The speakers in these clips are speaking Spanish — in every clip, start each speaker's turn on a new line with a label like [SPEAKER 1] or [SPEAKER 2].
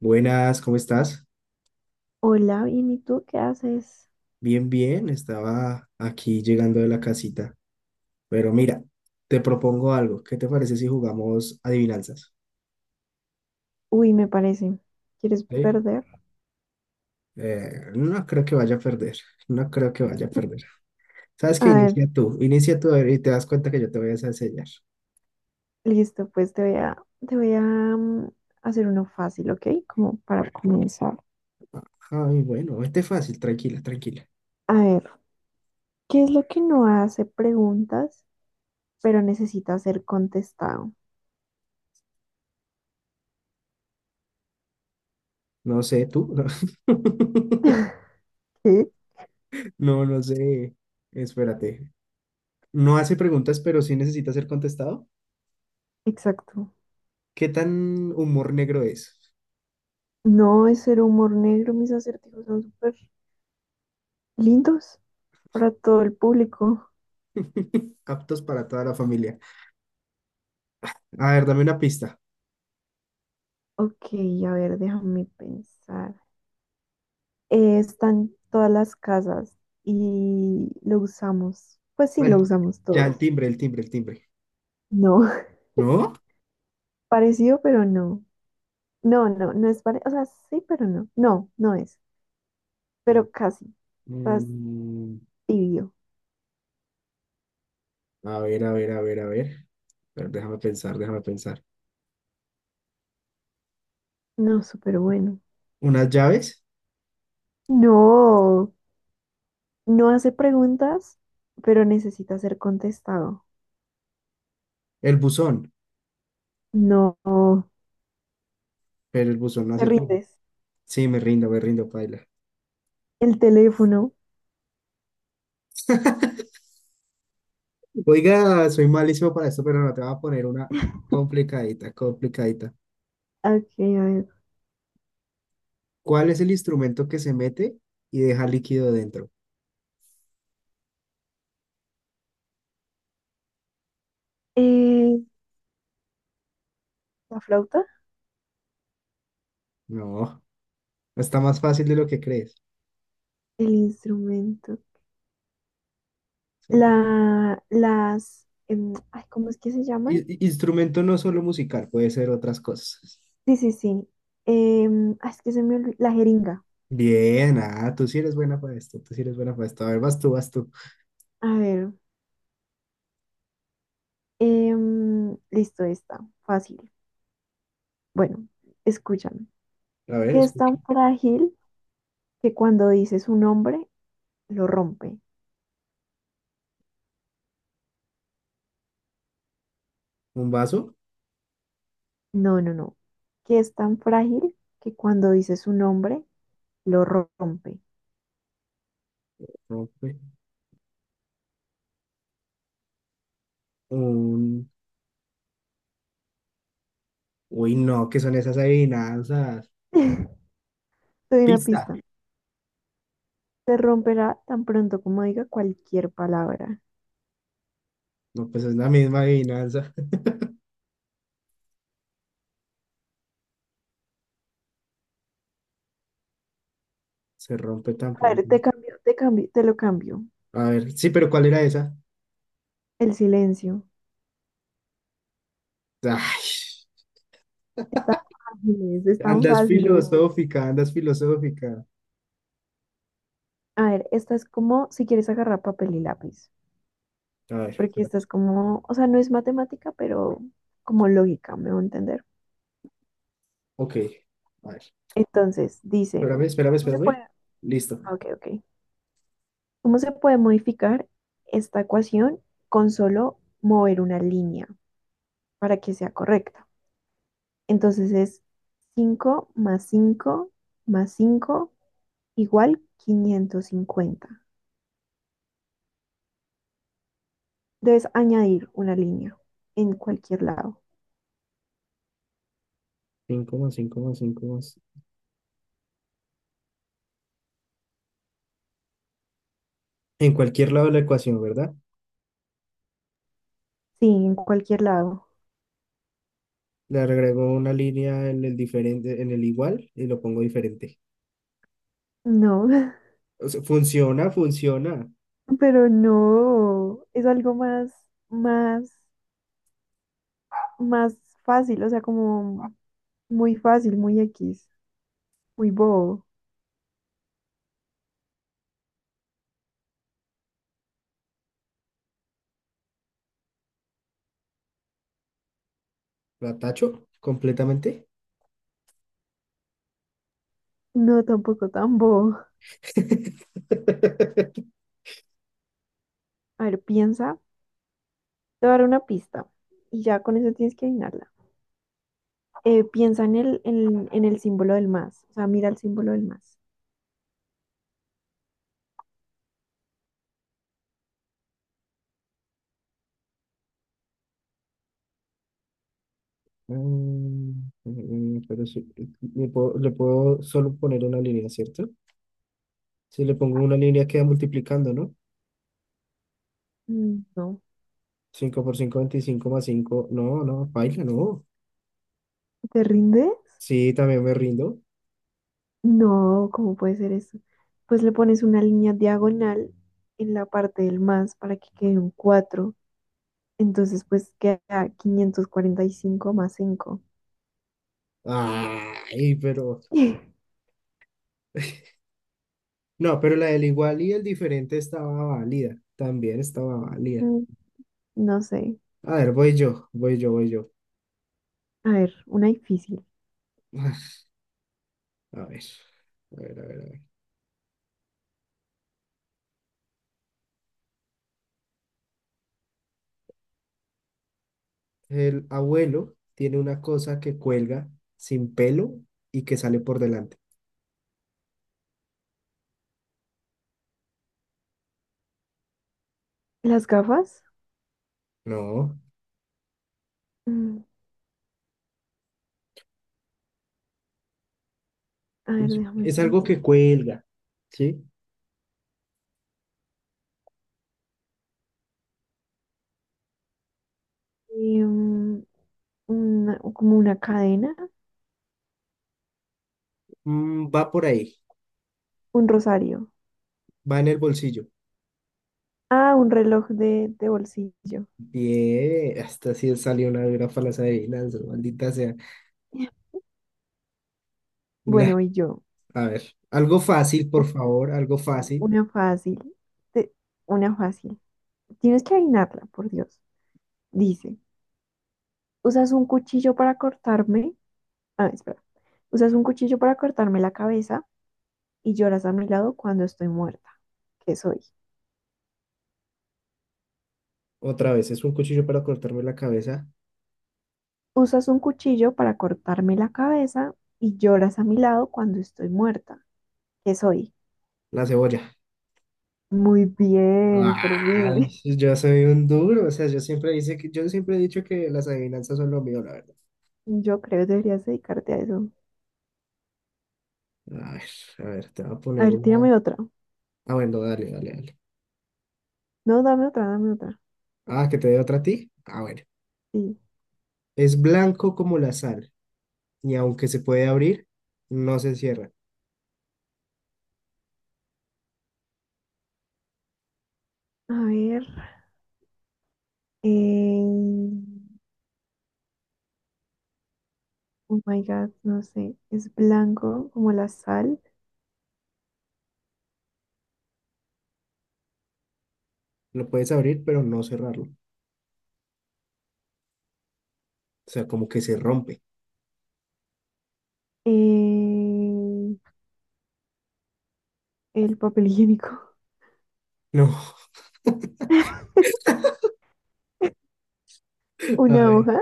[SPEAKER 1] Buenas, ¿cómo estás?
[SPEAKER 2] Hola, bien, ¿y tú qué haces?
[SPEAKER 1] Bien, bien, estaba aquí llegando de la casita. Pero mira, te propongo algo. ¿Qué te parece si jugamos adivinanzas?
[SPEAKER 2] Uy, me parece. ¿Quieres
[SPEAKER 1] ¿Sí?
[SPEAKER 2] perder?
[SPEAKER 1] No creo que vaya a perder. No creo que vaya a perder. ¿Sabes
[SPEAKER 2] A
[SPEAKER 1] qué?
[SPEAKER 2] ver,
[SPEAKER 1] Inicia tú. Inicia tú a ver, y te das cuenta que yo te voy a enseñar.
[SPEAKER 2] listo, pues te voy a hacer uno fácil, ¿ok? Como para comenzar.
[SPEAKER 1] Ay, bueno, este es fácil. Tranquila, tranquila.
[SPEAKER 2] A ver, ¿qué es lo que no hace preguntas, pero necesita ser contestado?
[SPEAKER 1] No sé, tú.
[SPEAKER 2] ¿Qué?
[SPEAKER 1] No, no sé. Espérate. No hace preguntas, pero sí necesita ser contestado.
[SPEAKER 2] Exacto.
[SPEAKER 1] ¿Qué tan humor negro es?
[SPEAKER 2] No es ser humor negro, mis acertijos son súper lindos para todo el público.
[SPEAKER 1] Aptos para toda la familia. A ver, dame una pista.
[SPEAKER 2] Ok, a ver, déjame pensar. Está todas las casas y lo usamos. Pues sí,
[SPEAKER 1] Al-
[SPEAKER 2] lo usamos
[SPEAKER 1] ya, el
[SPEAKER 2] todos.
[SPEAKER 1] timbre, el timbre, el timbre.
[SPEAKER 2] No,
[SPEAKER 1] ¿No?
[SPEAKER 2] parecido, pero no. No, no, no es parecido. O sea, sí, pero no. No, no es. Pero casi. Estás
[SPEAKER 1] Mm,
[SPEAKER 2] tibio.
[SPEAKER 1] a ver, a ver, a ver, a ver. Pero déjame pensar, déjame pensar.
[SPEAKER 2] No, súper bueno.
[SPEAKER 1] ¿Unas llaves?
[SPEAKER 2] No, no hace preguntas, pero necesita ser contestado.
[SPEAKER 1] El buzón.
[SPEAKER 2] No,
[SPEAKER 1] Pero el buzón no
[SPEAKER 2] te
[SPEAKER 1] hace preguntas.
[SPEAKER 2] rindes.
[SPEAKER 1] Sí, me rindo, paila.
[SPEAKER 2] El teléfono.
[SPEAKER 1] Oiga, soy malísimo para esto, pero no te voy a poner una complicadita, complicadita.
[SPEAKER 2] Ok, a ver.
[SPEAKER 1] ¿Cuál es el instrumento que se mete y deja líquido dentro?
[SPEAKER 2] Eh, la flauta,
[SPEAKER 1] No, está más fácil de lo que crees.
[SPEAKER 2] el instrumento. Las, ay, ¿cómo es que se llaman?
[SPEAKER 1] Instrumento no solo musical, puede ser otras cosas.
[SPEAKER 2] Sí, sí, sí. Ay, es que se me olvidó. La jeringa.
[SPEAKER 1] Bien, ah, tú sí eres buena para esto, tú sí eres buena para esto. A ver, vas tú, vas tú.
[SPEAKER 2] A ver. Listo, está. Fácil. Bueno, escúchame.
[SPEAKER 1] A ver,
[SPEAKER 2] ¿Que es tan
[SPEAKER 1] escucho.
[SPEAKER 2] frágil que cuando dices un nombre, lo rompe?
[SPEAKER 1] ¿Un vaso?
[SPEAKER 2] No, no, no. ¿Que es tan frágil que cuando dices un nombre, lo rompe?
[SPEAKER 1] Rompe. Un... Uy, no, ¿qué son esas adivinanzas?
[SPEAKER 2] Te doy una
[SPEAKER 1] Pista.
[SPEAKER 2] pista. Se romperá tan pronto como diga cualquier palabra.
[SPEAKER 1] No, pues es la misma adivinanza. Se rompe tan
[SPEAKER 2] A ver,
[SPEAKER 1] pronto.
[SPEAKER 2] te lo cambio.
[SPEAKER 1] A ver, sí, pero ¿cuál era esa?
[SPEAKER 2] El silencio.
[SPEAKER 1] Ay,
[SPEAKER 2] Están fáciles, están
[SPEAKER 1] andas No,
[SPEAKER 2] fáciles.
[SPEAKER 1] filosófica, andas filosófica.
[SPEAKER 2] A ver, esta es como si quieres agarrar papel y lápiz,
[SPEAKER 1] A ver,
[SPEAKER 2] porque esta
[SPEAKER 1] espérate.
[SPEAKER 2] es como, o sea, no es matemática, pero como lógica, me voy a entender.
[SPEAKER 1] Ok. A ver,
[SPEAKER 2] Entonces, dice,
[SPEAKER 1] espérame, espérame,
[SPEAKER 2] ¿cómo se puede?
[SPEAKER 1] espérame. Listo.
[SPEAKER 2] Ok, ok. ¿Cómo se puede modificar esta ecuación con solo mover una línea para que sea correcta? Entonces es 5 más 5 más 5 igual 550. Debes añadir una línea en cualquier lado.
[SPEAKER 1] Cinco más cinco más 5 más. En cualquier lado de la ecuación, ¿verdad?
[SPEAKER 2] Sí, en cualquier lado.
[SPEAKER 1] Le agrego una línea en el diferente, en el igual y lo pongo diferente.
[SPEAKER 2] No,
[SPEAKER 1] O sea, funciona, funciona.
[SPEAKER 2] pero no, es algo más, más, más fácil, o sea, como muy fácil, muy X, muy bobo.
[SPEAKER 1] La tacho completamente.
[SPEAKER 2] No, tampoco tan bobo. A ver, piensa, te voy a dar una pista y ya con eso tienes que adivinarla. Piensa en el símbolo del más, o sea, mira el símbolo del más.
[SPEAKER 1] Pero sí, le puedo solo poner una línea, ¿cierto? Si le pongo una línea queda multiplicando, ¿no?
[SPEAKER 2] No,
[SPEAKER 1] 5 por 5 25 más 5. No, no, baila, no.
[SPEAKER 2] ¿te rindes?
[SPEAKER 1] Sí, también me rindo.
[SPEAKER 2] No, ¿cómo puede ser eso? Pues le pones una línea diagonal en la parte del más para que quede un 4. Entonces, pues queda 545 más cinco.
[SPEAKER 1] Ay, pero... No, pero la del igual y el diferente estaba válida. También estaba válida.
[SPEAKER 2] Mm, No sé.
[SPEAKER 1] A ver, voy yo, voy yo, voy yo.
[SPEAKER 2] A ver, una difícil.
[SPEAKER 1] A ver, a ver, a ver, a ver. El abuelo tiene una cosa que cuelga sin pelo y que sale por delante.
[SPEAKER 2] ¿Las gafas?
[SPEAKER 1] No,
[SPEAKER 2] Mm, A ver,
[SPEAKER 1] es
[SPEAKER 2] déjame
[SPEAKER 1] es algo
[SPEAKER 2] pensar.
[SPEAKER 1] que cuelga, ¿sí?
[SPEAKER 2] Em, como una cadena,
[SPEAKER 1] Mm, va por ahí,
[SPEAKER 2] un rosario.
[SPEAKER 1] va en el bolsillo.
[SPEAKER 2] Ah, un reloj de, bolsillo.
[SPEAKER 1] Bien, hasta si salió una dura para las adivinanzas, maldita sea. Nah,
[SPEAKER 2] Bueno, y yo.
[SPEAKER 1] a ver, algo fácil, por favor, algo
[SPEAKER 2] Uy,
[SPEAKER 1] fácil.
[SPEAKER 2] una fácil. Te- Una fácil. Tienes que adivinarla, por Dios. Dice, usas un cuchillo para cortarme. Ah, espera. Usas un cuchillo para cortarme la cabeza y lloras a mi lado cuando estoy muerta. ¿Qué soy?
[SPEAKER 1] Otra vez, es un cuchillo para cortarme la cabeza,
[SPEAKER 2] Usas un cuchillo para cortarme la cabeza y lloras a mi lado cuando estoy muerta. ¿Qué soy?
[SPEAKER 1] la cebolla.
[SPEAKER 2] Muy bien, por
[SPEAKER 1] Ah,
[SPEAKER 2] fin.
[SPEAKER 1] yo soy un duro, o sea, yo siempre dice que, yo siempre he dicho que las adivinanzas son lo mío, la verdad.
[SPEAKER 2] Yo creo que deberías dedicarte a eso.
[SPEAKER 1] A ver, a ver, te voy a
[SPEAKER 2] A
[SPEAKER 1] poner
[SPEAKER 2] ver,
[SPEAKER 1] una.
[SPEAKER 2] tírame otra.
[SPEAKER 1] Ah, bueno, dale, dale, dale.
[SPEAKER 2] No, dame otra, dame otra.
[SPEAKER 1] Ah, que te dé otra a ti. Ah, bueno.
[SPEAKER 2] Sí.
[SPEAKER 1] Es blanco como la sal, y aunque se puede abrir, no se cierra.
[SPEAKER 2] A ver. eh, Oh my God, no sé. Es blanco como la sal.
[SPEAKER 1] Lo puedes abrir, pero no cerrarlo. O sea, como que se rompe.
[SPEAKER 2] eh, el papel higiénico.
[SPEAKER 1] No. A
[SPEAKER 2] Una
[SPEAKER 1] ver.
[SPEAKER 2] hoja.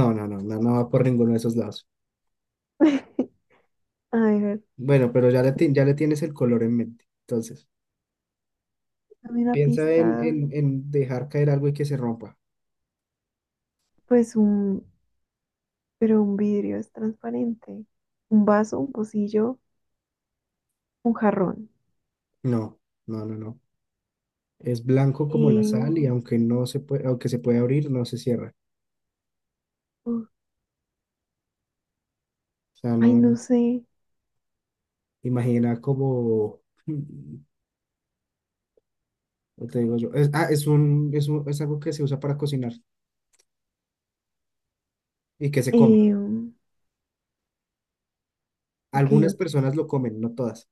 [SPEAKER 1] No, no, no, no, no va por ninguno de esos lados.
[SPEAKER 2] A ver,
[SPEAKER 1] Bueno, pero ya le, ya le tienes el color en mente. Entonces.
[SPEAKER 2] dame una
[SPEAKER 1] Piensa
[SPEAKER 2] pista.
[SPEAKER 1] en, en dejar caer algo y que se rompa.
[SPEAKER 2] Pues pero un vidrio es transparente. Un vaso, un pocillo, un jarrón.
[SPEAKER 1] No, no, no, no. Es blanco como la sal
[SPEAKER 2] Eh,
[SPEAKER 1] y aunque no se puede, aunque se puede abrir, no se cierra.
[SPEAKER 2] Uf,
[SPEAKER 1] O sea,
[SPEAKER 2] ay, no
[SPEAKER 1] no,
[SPEAKER 2] sé.
[SPEAKER 1] imagina como, ¿cómo te digo yo? Es, ah, es algo que se usa para cocinar y que se come.
[SPEAKER 2] Ok, ok.
[SPEAKER 1] Algunas personas lo comen, no todas.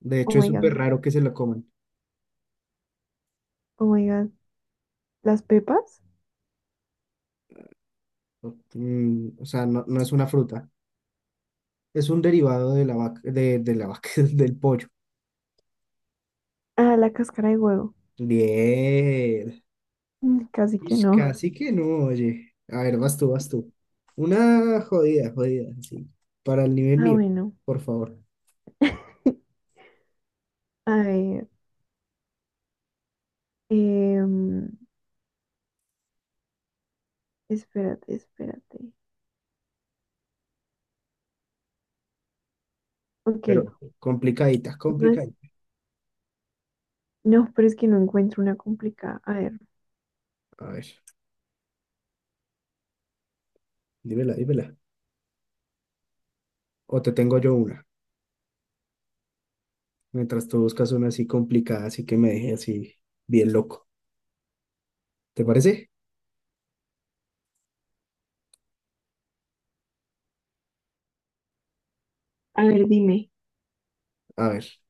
[SPEAKER 1] De
[SPEAKER 2] Oh
[SPEAKER 1] hecho, es
[SPEAKER 2] my
[SPEAKER 1] súper
[SPEAKER 2] God.
[SPEAKER 1] raro que se lo coman.
[SPEAKER 2] Oh my God. ¿Las pepas?
[SPEAKER 1] O sea, no, no es una fruta. Es un derivado de la vaca, de la vaca, del pollo.
[SPEAKER 2] Ah, la cáscara de huevo.
[SPEAKER 1] Bien.
[SPEAKER 2] Casi que
[SPEAKER 1] Ish,
[SPEAKER 2] no.
[SPEAKER 1] casi que no, oye. A ver, vas tú, vas tú. Una jodida, jodida, sí. Para el nivel
[SPEAKER 2] Ah,
[SPEAKER 1] mío,
[SPEAKER 2] bueno.
[SPEAKER 1] por favor.
[SPEAKER 2] A ver. Em, Espérate, espérate. Ok,
[SPEAKER 1] Pero complicadita,
[SPEAKER 2] no es,
[SPEAKER 1] complicadita.
[SPEAKER 2] no, pero es que no encuentro una complicada.
[SPEAKER 1] A ver, dímela, dímela. O te tengo yo una, mientras tú buscas una así complicada, así que me deje así bien loco. ¿Te parece?
[SPEAKER 2] A ver, dime.
[SPEAKER 1] A ver.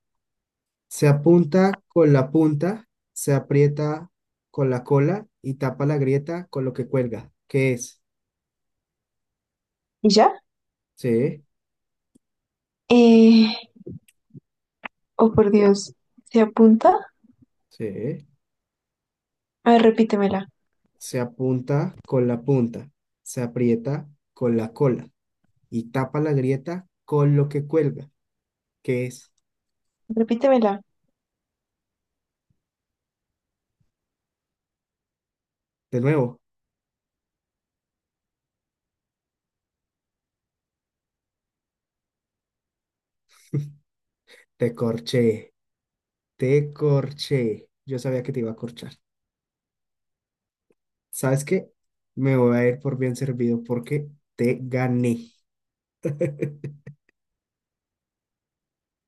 [SPEAKER 1] Se apunta con la punta, se aprieta con la cola y tapa la grieta con lo que cuelga. ¿Qué es?
[SPEAKER 2] ¿Y ya?
[SPEAKER 1] Sí,
[SPEAKER 2] Eh, oh, por Dios, ¿se apunta?
[SPEAKER 1] sí.
[SPEAKER 2] A ver, repítemela,
[SPEAKER 1] Se apunta con la punta, se aprieta con la cola y tapa la grieta con lo que cuelga. Que es?
[SPEAKER 2] repítemela.
[SPEAKER 1] De nuevo, te corché, te corché. Yo sabía que te iba a corchar. ¿Sabes qué? Me voy a ir por bien servido porque te gané.